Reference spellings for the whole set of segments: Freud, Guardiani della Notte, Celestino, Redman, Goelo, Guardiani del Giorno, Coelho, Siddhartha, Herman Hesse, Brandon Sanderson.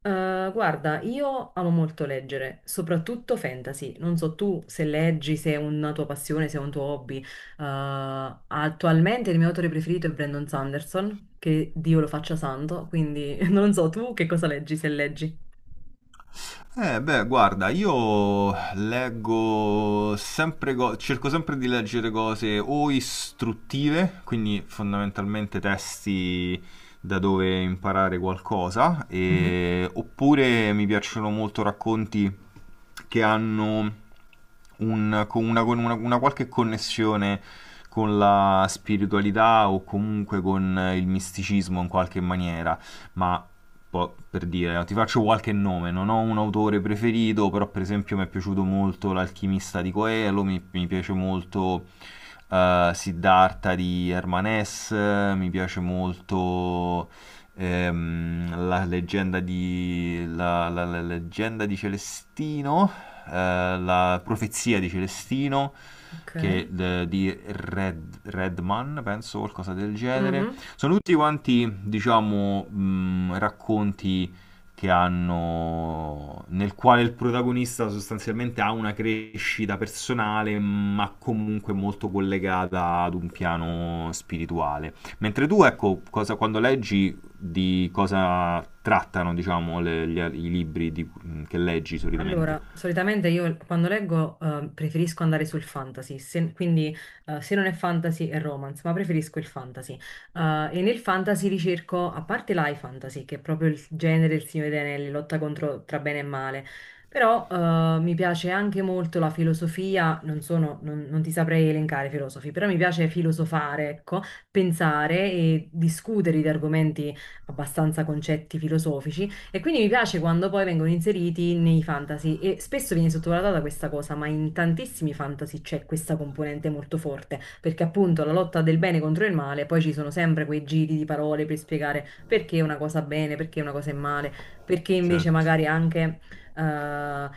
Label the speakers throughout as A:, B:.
A: Guarda, io amo molto leggere, soprattutto fantasy. Non so tu se leggi, se è una tua passione, se è un tuo hobby. Attualmente il mio autore preferito è Brandon Sanderson, che Dio lo faccia santo, quindi non so tu che cosa leggi, se leggi.
B: Guarda, io leggo sempre cerco sempre di leggere cose o istruttive, quindi fondamentalmente testi da dove imparare qualcosa,
A: Mhm.
B: oppure mi piacciono molto racconti che hanno con una, una qualche connessione con la spiritualità o comunque con il misticismo in qualche maniera ma per dire, ti faccio qualche nome, non ho un autore preferito, però per esempio mi è piaciuto molto L'alchimista di Coelho, mi piace molto Siddhartha di Herman Hesse, mi piace molto la leggenda di la leggenda di Celestino, la profezia di Celestino,
A: Ok.
B: che, di Red, Redman, penso, qualcosa del genere.
A: Mhm.
B: Sono tutti quanti, diciamo, racconti che hanno nel quale il protagonista sostanzialmente ha una crescita personale, ma comunque molto collegata ad un piano spirituale. Mentre tu, ecco, quando leggi di cosa trattano, diciamo, i libri che leggi solitamente?
A: Allora, solitamente io quando leggo preferisco andare sul fantasy, quindi se non è fantasy è romance, ma preferisco il fantasy. E nel fantasy ricerco, a parte l'high fantasy, che è proprio il genere del Signore degli Anelli, lotta contro tra bene e male, però mi piace anche molto la filosofia, non sono, non ti saprei elencare i filosofi, però mi piace filosofare, ecco, pensare e discutere di argomenti abbastanza concetti filosofici. E quindi mi piace quando poi vengono inseriti nei fantasy e spesso viene sottovalutata questa cosa, ma in tantissimi fantasy c'è questa componente molto forte, perché appunto la lotta del bene contro il male, poi ci sono sempre quei giri di parole per spiegare perché una cosa è bene, perché una cosa è male, perché invece
B: Certo.
A: magari anche eh,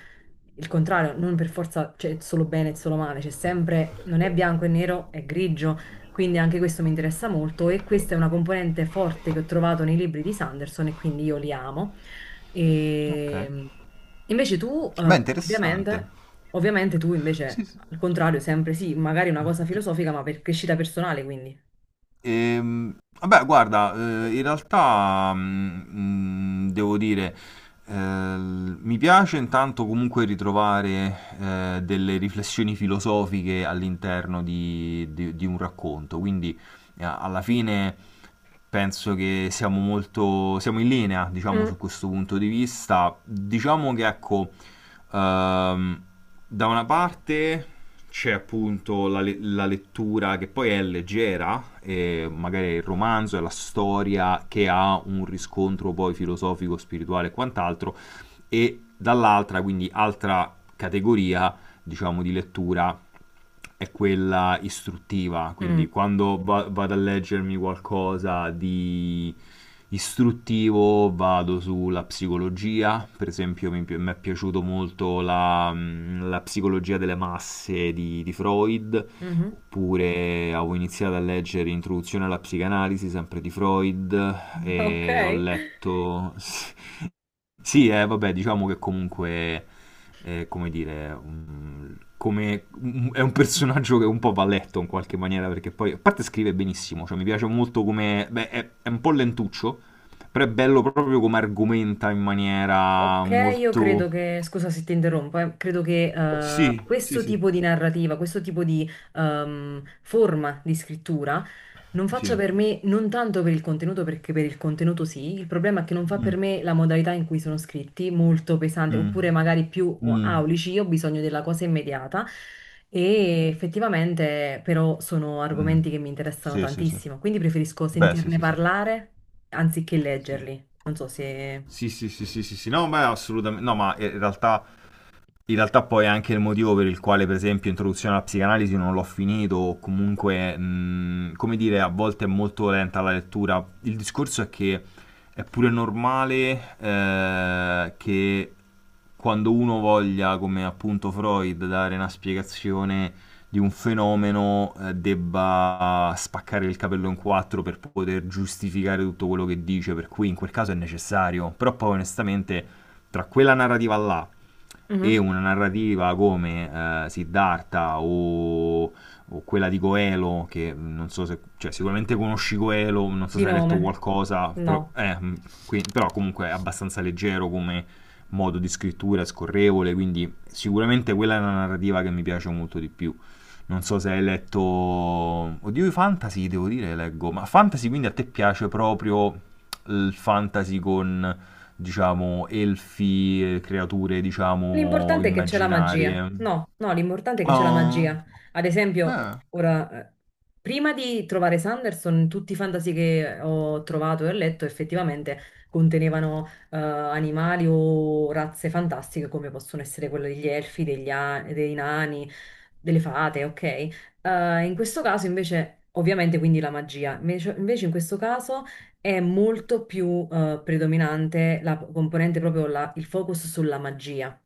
A: il contrario, non per forza c'è solo bene e solo male, c'è sempre, non è bianco e nero, è grigio. Quindi anche questo mi interessa molto e questa è una componente forte che ho trovato nei libri di Sanderson e quindi io li amo.
B: Ok.
A: E invece tu,
B: Beh, interessante.
A: ovviamente, ovviamente tu invece,
B: Sì, sì.
A: al contrario, sempre sì, magari una cosa filosofica, ma per crescita personale, quindi.
B: Vabbè, guarda, in realtà devo dire, mi piace intanto comunque ritrovare delle riflessioni filosofiche all'interno di, di un racconto, quindi alla fine penso che siamo in linea, diciamo,
A: Mm.
B: su questo punto di vista. Diciamo che ecco, ehm, da una parte c'è appunto la lettura che poi è leggera, e magari il romanzo e la storia che ha un riscontro poi filosofico, spirituale e quant'altro e dall'altra, quindi altra categoria diciamo di lettura è quella istruttiva,
A: Mm,
B: quindi quando vado a leggermi qualcosa di istruttivo vado sulla psicologia, per esempio mi è piaciuto molto la, la psicologia delle masse di Freud,
A: mhm.
B: oppure avevo iniziato a leggere Introduzione alla psicanalisi sempre di Freud e ho
A: Ok.
B: letto... Sì, vabbè, diciamo che comunque, come dire, è un personaggio che un po' va letto in qualche maniera, perché poi, a parte scrive benissimo, cioè mi piace molto come, beh, è un po' lentuccio, però è bello proprio come argomenta in maniera
A: Ok, io credo
B: molto...
A: che, scusa se ti interrompo, credo che
B: Sì, sì,
A: questo
B: sì.
A: tipo di narrativa, questo tipo di forma di scrittura non faccia
B: Sì.
A: per me, non tanto per il contenuto, perché per il contenuto sì, il problema è che non fa
B: Mm,
A: per me la modalità in cui sono scritti, molto pesante,
B: mm,
A: oppure magari più
B: mm,
A: aulici, io ho bisogno della cosa immediata e effettivamente però sono
B: mm.
A: argomenti che mi interessano
B: Sì, sì, sì.
A: tantissimo, quindi preferisco
B: Beh, sì,
A: sentirne
B: sì, sì.
A: parlare anziché
B: Sì,
A: leggerli, non so se...
B: sì, sì, sì, sì, sì. Sì. No, ma assolutamente... No, ma in realtà... In realtà poi è anche il motivo per il quale, per esempio, Introduzione alla psicanalisi non l'ho finito, o comunque, come dire, a volte è molto lenta la lettura. Il discorso è che è pure normale che quando uno voglia, come appunto Freud, dare una spiegazione di un fenomeno, debba spaccare il capello in quattro per poter giustificare tutto quello che dice, per cui in quel caso è necessario. Però poi onestamente, tra quella narrativa là e
A: Mhm.
B: una narrativa come Siddhartha o quella di Goelo, che non so se, cioè sicuramente conosci Goelo, non so
A: Di
B: se hai letto
A: nome?
B: qualcosa, però,
A: No.
B: però comunque è abbastanza leggero come modo di scrittura, è scorrevole, quindi sicuramente quella è una narrativa che mi piace molto di più. Non so se hai letto... Oddio, i fantasy, devo dire, leggo. Ma fantasy quindi a te piace proprio il fantasy con diciamo, elfi, creature, diciamo,
A: L'importante è che c'è la magia.
B: immaginarie.
A: No, no, l'importante è che c'è la
B: Ah,
A: magia. Ad esempio,
B: eh,
A: ora, prima di trovare Sanderson, tutti i fantasy che ho trovato e ho letto effettivamente contenevano animali o razze fantastiche come possono essere quelle degli elfi, dei nani, delle fate, ok? In questo caso invece, ovviamente, quindi la magia. Invece, invece in questo caso è molto più predominante la componente proprio il focus sulla magia.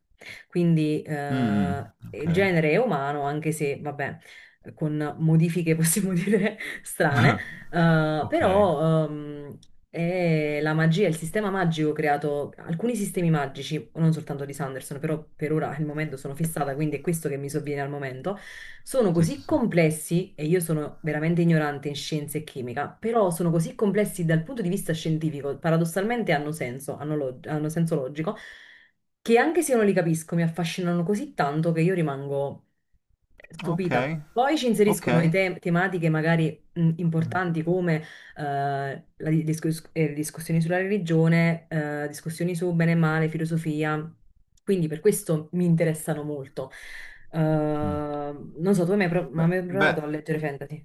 A: Quindi
B: mm, mm, ok,
A: il genere è umano, anche se, vabbè, con modifiche possiamo dire strane,
B: ok,
A: però è la magia, il sistema magico creato, alcuni sistemi magici, non soltanto di Sanderson, però per ora al momento sono fissata, quindi è questo che mi sovviene al momento, sono
B: sì, sì,
A: così
B: sì,
A: complessi, e io sono veramente ignorante in scienze e chimica, però sono così complessi dal punto di vista scientifico, paradossalmente hanno senso, hanno senso logico, che anche se io non li capisco mi affascinano così tanto che io rimango stupita.
B: ok,
A: Poi ci inseriscono
B: ok.
A: tematiche magari importanti come discussioni sulla religione, discussioni su bene e male, filosofia. Quindi per questo mi interessano molto.
B: Mm.
A: Non so, tu hai mai, pro- ma hai
B: Beh,
A: mai
B: beh,
A: provato a leggere fantasy?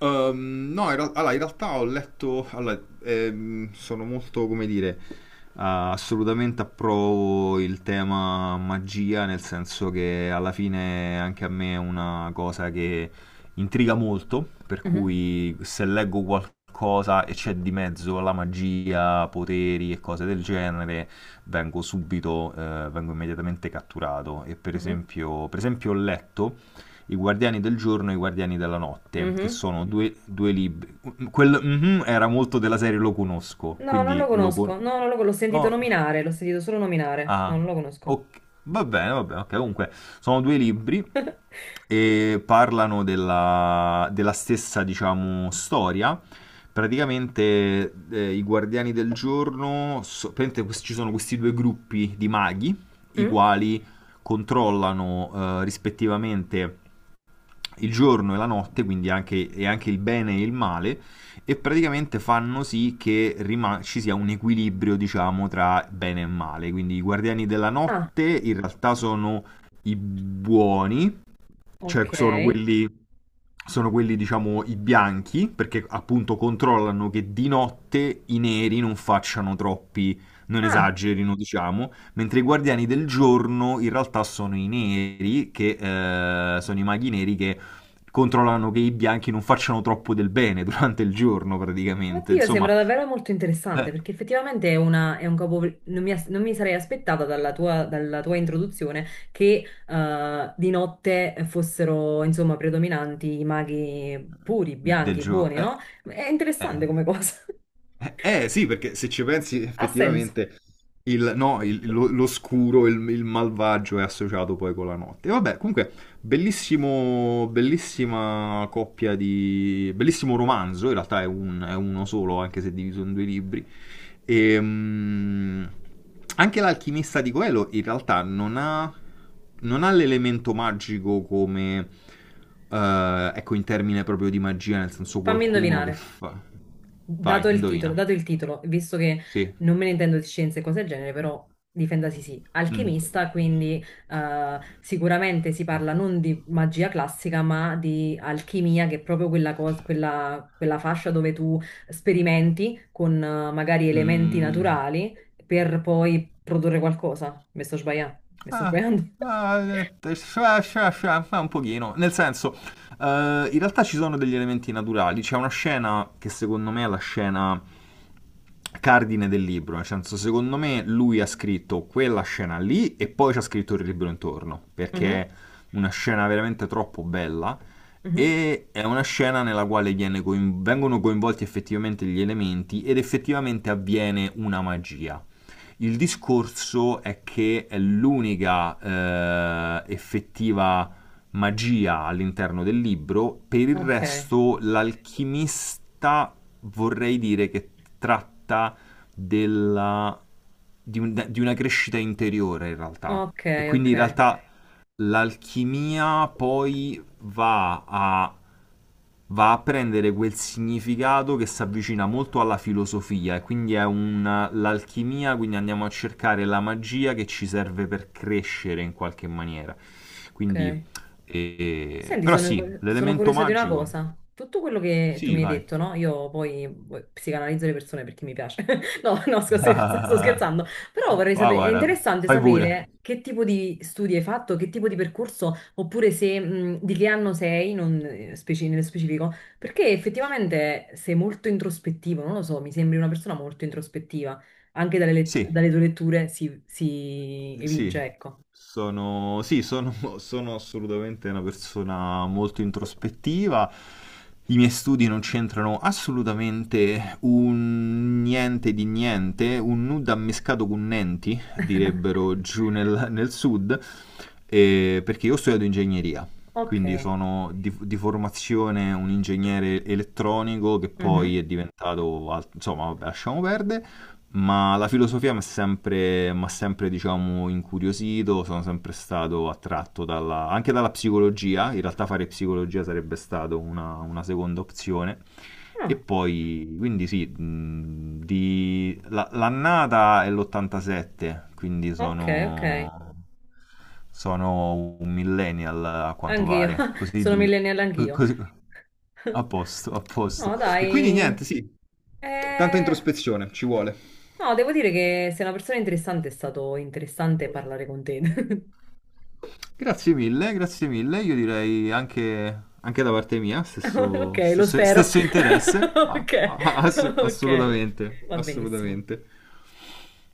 B: No, allora, in realtà ho letto, allora, sono molto, come dire, ah, assolutamente approvo il tema magia, nel senso che alla fine anche a me è una cosa che intriga molto, per
A: Mhm,
B: cui se leggo qualcosa e c'è di mezzo la magia, poteri e cose del genere, vengo subito, vengo immediatamente catturato. E
A: mhm,
B: per esempio ho letto i Guardiani del Giorno e i Guardiani della Notte, che
A: mhm.
B: sono due, due libri. Quel mhm era molto della serie lo conosco,
A: No, non lo
B: quindi
A: conosco. No, non lo con- l'ho sentito
B: oh,
A: nominare, l'ho sentito solo nominare. No,
B: ah,
A: non lo conosco.
B: ok, va bene, ok. Comunque, sono due libri e parlano della, della stessa, diciamo, storia. Praticamente, i Guardiani del Giorno, praticamente ci sono questi due gruppi di maghi, i
A: Mm?
B: quali controllano, rispettivamente il giorno e la notte, quindi anche, e anche il bene e il male, e praticamente fanno sì che ci sia un equilibrio, diciamo, tra bene e male. Quindi i guardiani della
A: Ah,
B: notte in realtà sono i buoni, cioè
A: ok.
B: sono quelli, diciamo, i bianchi, perché appunto controllano che di notte i neri non facciano troppi, non
A: Ah,
B: esagerino, diciamo, mentre i guardiani del giorno in realtà sono i neri, che sono i maghi neri che controllano che i bianchi non facciano troppo del bene durante il giorno, praticamente,
A: Oddio,
B: insomma,
A: sembra davvero molto interessante
B: eh,
A: perché effettivamente è un capo. Non mi sarei aspettata dalla tua, introduzione che di notte fossero insomma predominanti i maghi puri,
B: del
A: bianchi,
B: giorno.
A: buoni, no? È interessante come cosa.
B: Sì, perché se ci pensi
A: Ha senso.
B: effettivamente no, l'oscuro, il malvagio è associato poi con la notte. E vabbè, comunque bellissima coppia di... bellissimo romanzo, in realtà è uno solo, anche se diviso in due libri. E, mm, Anche l'alchimista di Coelho in realtà non ha, non ha l'elemento magico come... ecco, in termine proprio di magia, nel senso
A: Fammi
B: qualcuno che
A: indovinare.
B: fa... Vai, indovina.
A: Dato il titolo, visto che
B: Sì.
A: non me ne intendo di scienze e cose del genere, però difendasi sì,
B: Mm.
A: alchimista, quindi sicuramente si parla non di magia classica, ma di alchimia, che è proprio quella fascia dove tu sperimenti con magari elementi
B: Mm.
A: naturali per poi produrre qualcosa. Mi sto sbagliando? Mi sto
B: Ah,
A: sbagliando?
B: Scia, scia, scia, ma un pochino. Nel senso, in realtà ci sono degli elementi naturali. C'è una scena che secondo me è la scena cardine del libro. Nel senso, secondo me lui ha scritto quella scena lì e poi ci ha scritto il libro intorno, perché
A: Mhm,
B: è una scena veramente troppo bella.
A: mhm.
B: E è una scena nella quale vengono coinvolti effettivamente gli elementi ed effettivamente avviene una magia. Il discorso è che è l'unica effettiva magia all'interno del libro, per il
A: Ok,
B: resto l'alchimista vorrei dire che tratta della, di una crescita interiore in realtà.
A: ok,
B: E quindi
A: ok,
B: in realtà l'alchimia poi va a prendere quel significato che si avvicina molto alla filosofia e quindi l'alchimia, quindi andiamo a cercare la magia che ci serve per crescere in qualche maniera. Quindi,
A: ok. Senti,
B: però
A: sono,
B: sì,
A: sono
B: l'elemento
A: curiosa di una
B: magico,
A: cosa. Tutto quello che tu
B: sì,
A: mi hai
B: vai.
A: detto, no? Io poi psicanalizzo le persone perché mi piace. No, no, sto
B: Ah,
A: scherzando. Però vorrei sapere, è
B: guarda,
A: interessante
B: fai pure.
A: sapere che tipo di studi hai fatto, che tipo di percorso, oppure se, di che anno sei, non nello specifico, perché effettivamente sei molto introspettivo, non lo so, mi sembri una persona molto introspettiva. Anche
B: Sì,
A: dalle tue letture si
B: sì.
A: evince, ecco.
B: Sono, sì, sono, sono assolutamente una persona molto introspettiva. I miei studi non c'entrano assolutamente un niente di niente, un nudo ammescato con nenti, direbbero giù nel, nel sud, perché io ho studiato ingegneria,
A: Ok.
B: quindi sono di formazione un ingegnere elettronico che
A: Mhm.
B: poi è diventato, insomma, vabbè, lasciamo perdere ma la filosofia mi ha sempre, m'ha sempre, diciamo, incuriosito, sono sempre stato attratto anche dalla psicologia, in realtà fare psicologia sarebbe stata una seconda opzione, e
A: Ah,
B: poi, quindi sì, l'annata è l'87, quindi
A: ok, ok.
B: sono, sono un millennial a quanto
A: Anch'io,
B: pare, così
A: sono
B: dico,
A: millennial
B: Co-
A: anch'io.
B: così- a posto, a posto.
A: No,
B: E quindi
A: dai.
B: niente, sì, tanta
A: Eh,
B: introspezione ci vuole.
A: No, devo dire che sei una persona interessante, è stato interessante parlare con te.
B: Grazie mille, grazie mille. Io direi anche, anche da parte mia,
A: Ok,
B: stesso,
A: lo
B: stesso,
A: spero.
B: stesso interesse. Ah,
A: Ok, ok,
B: assolutamente,
A: va benissimo.
B: assolutamente.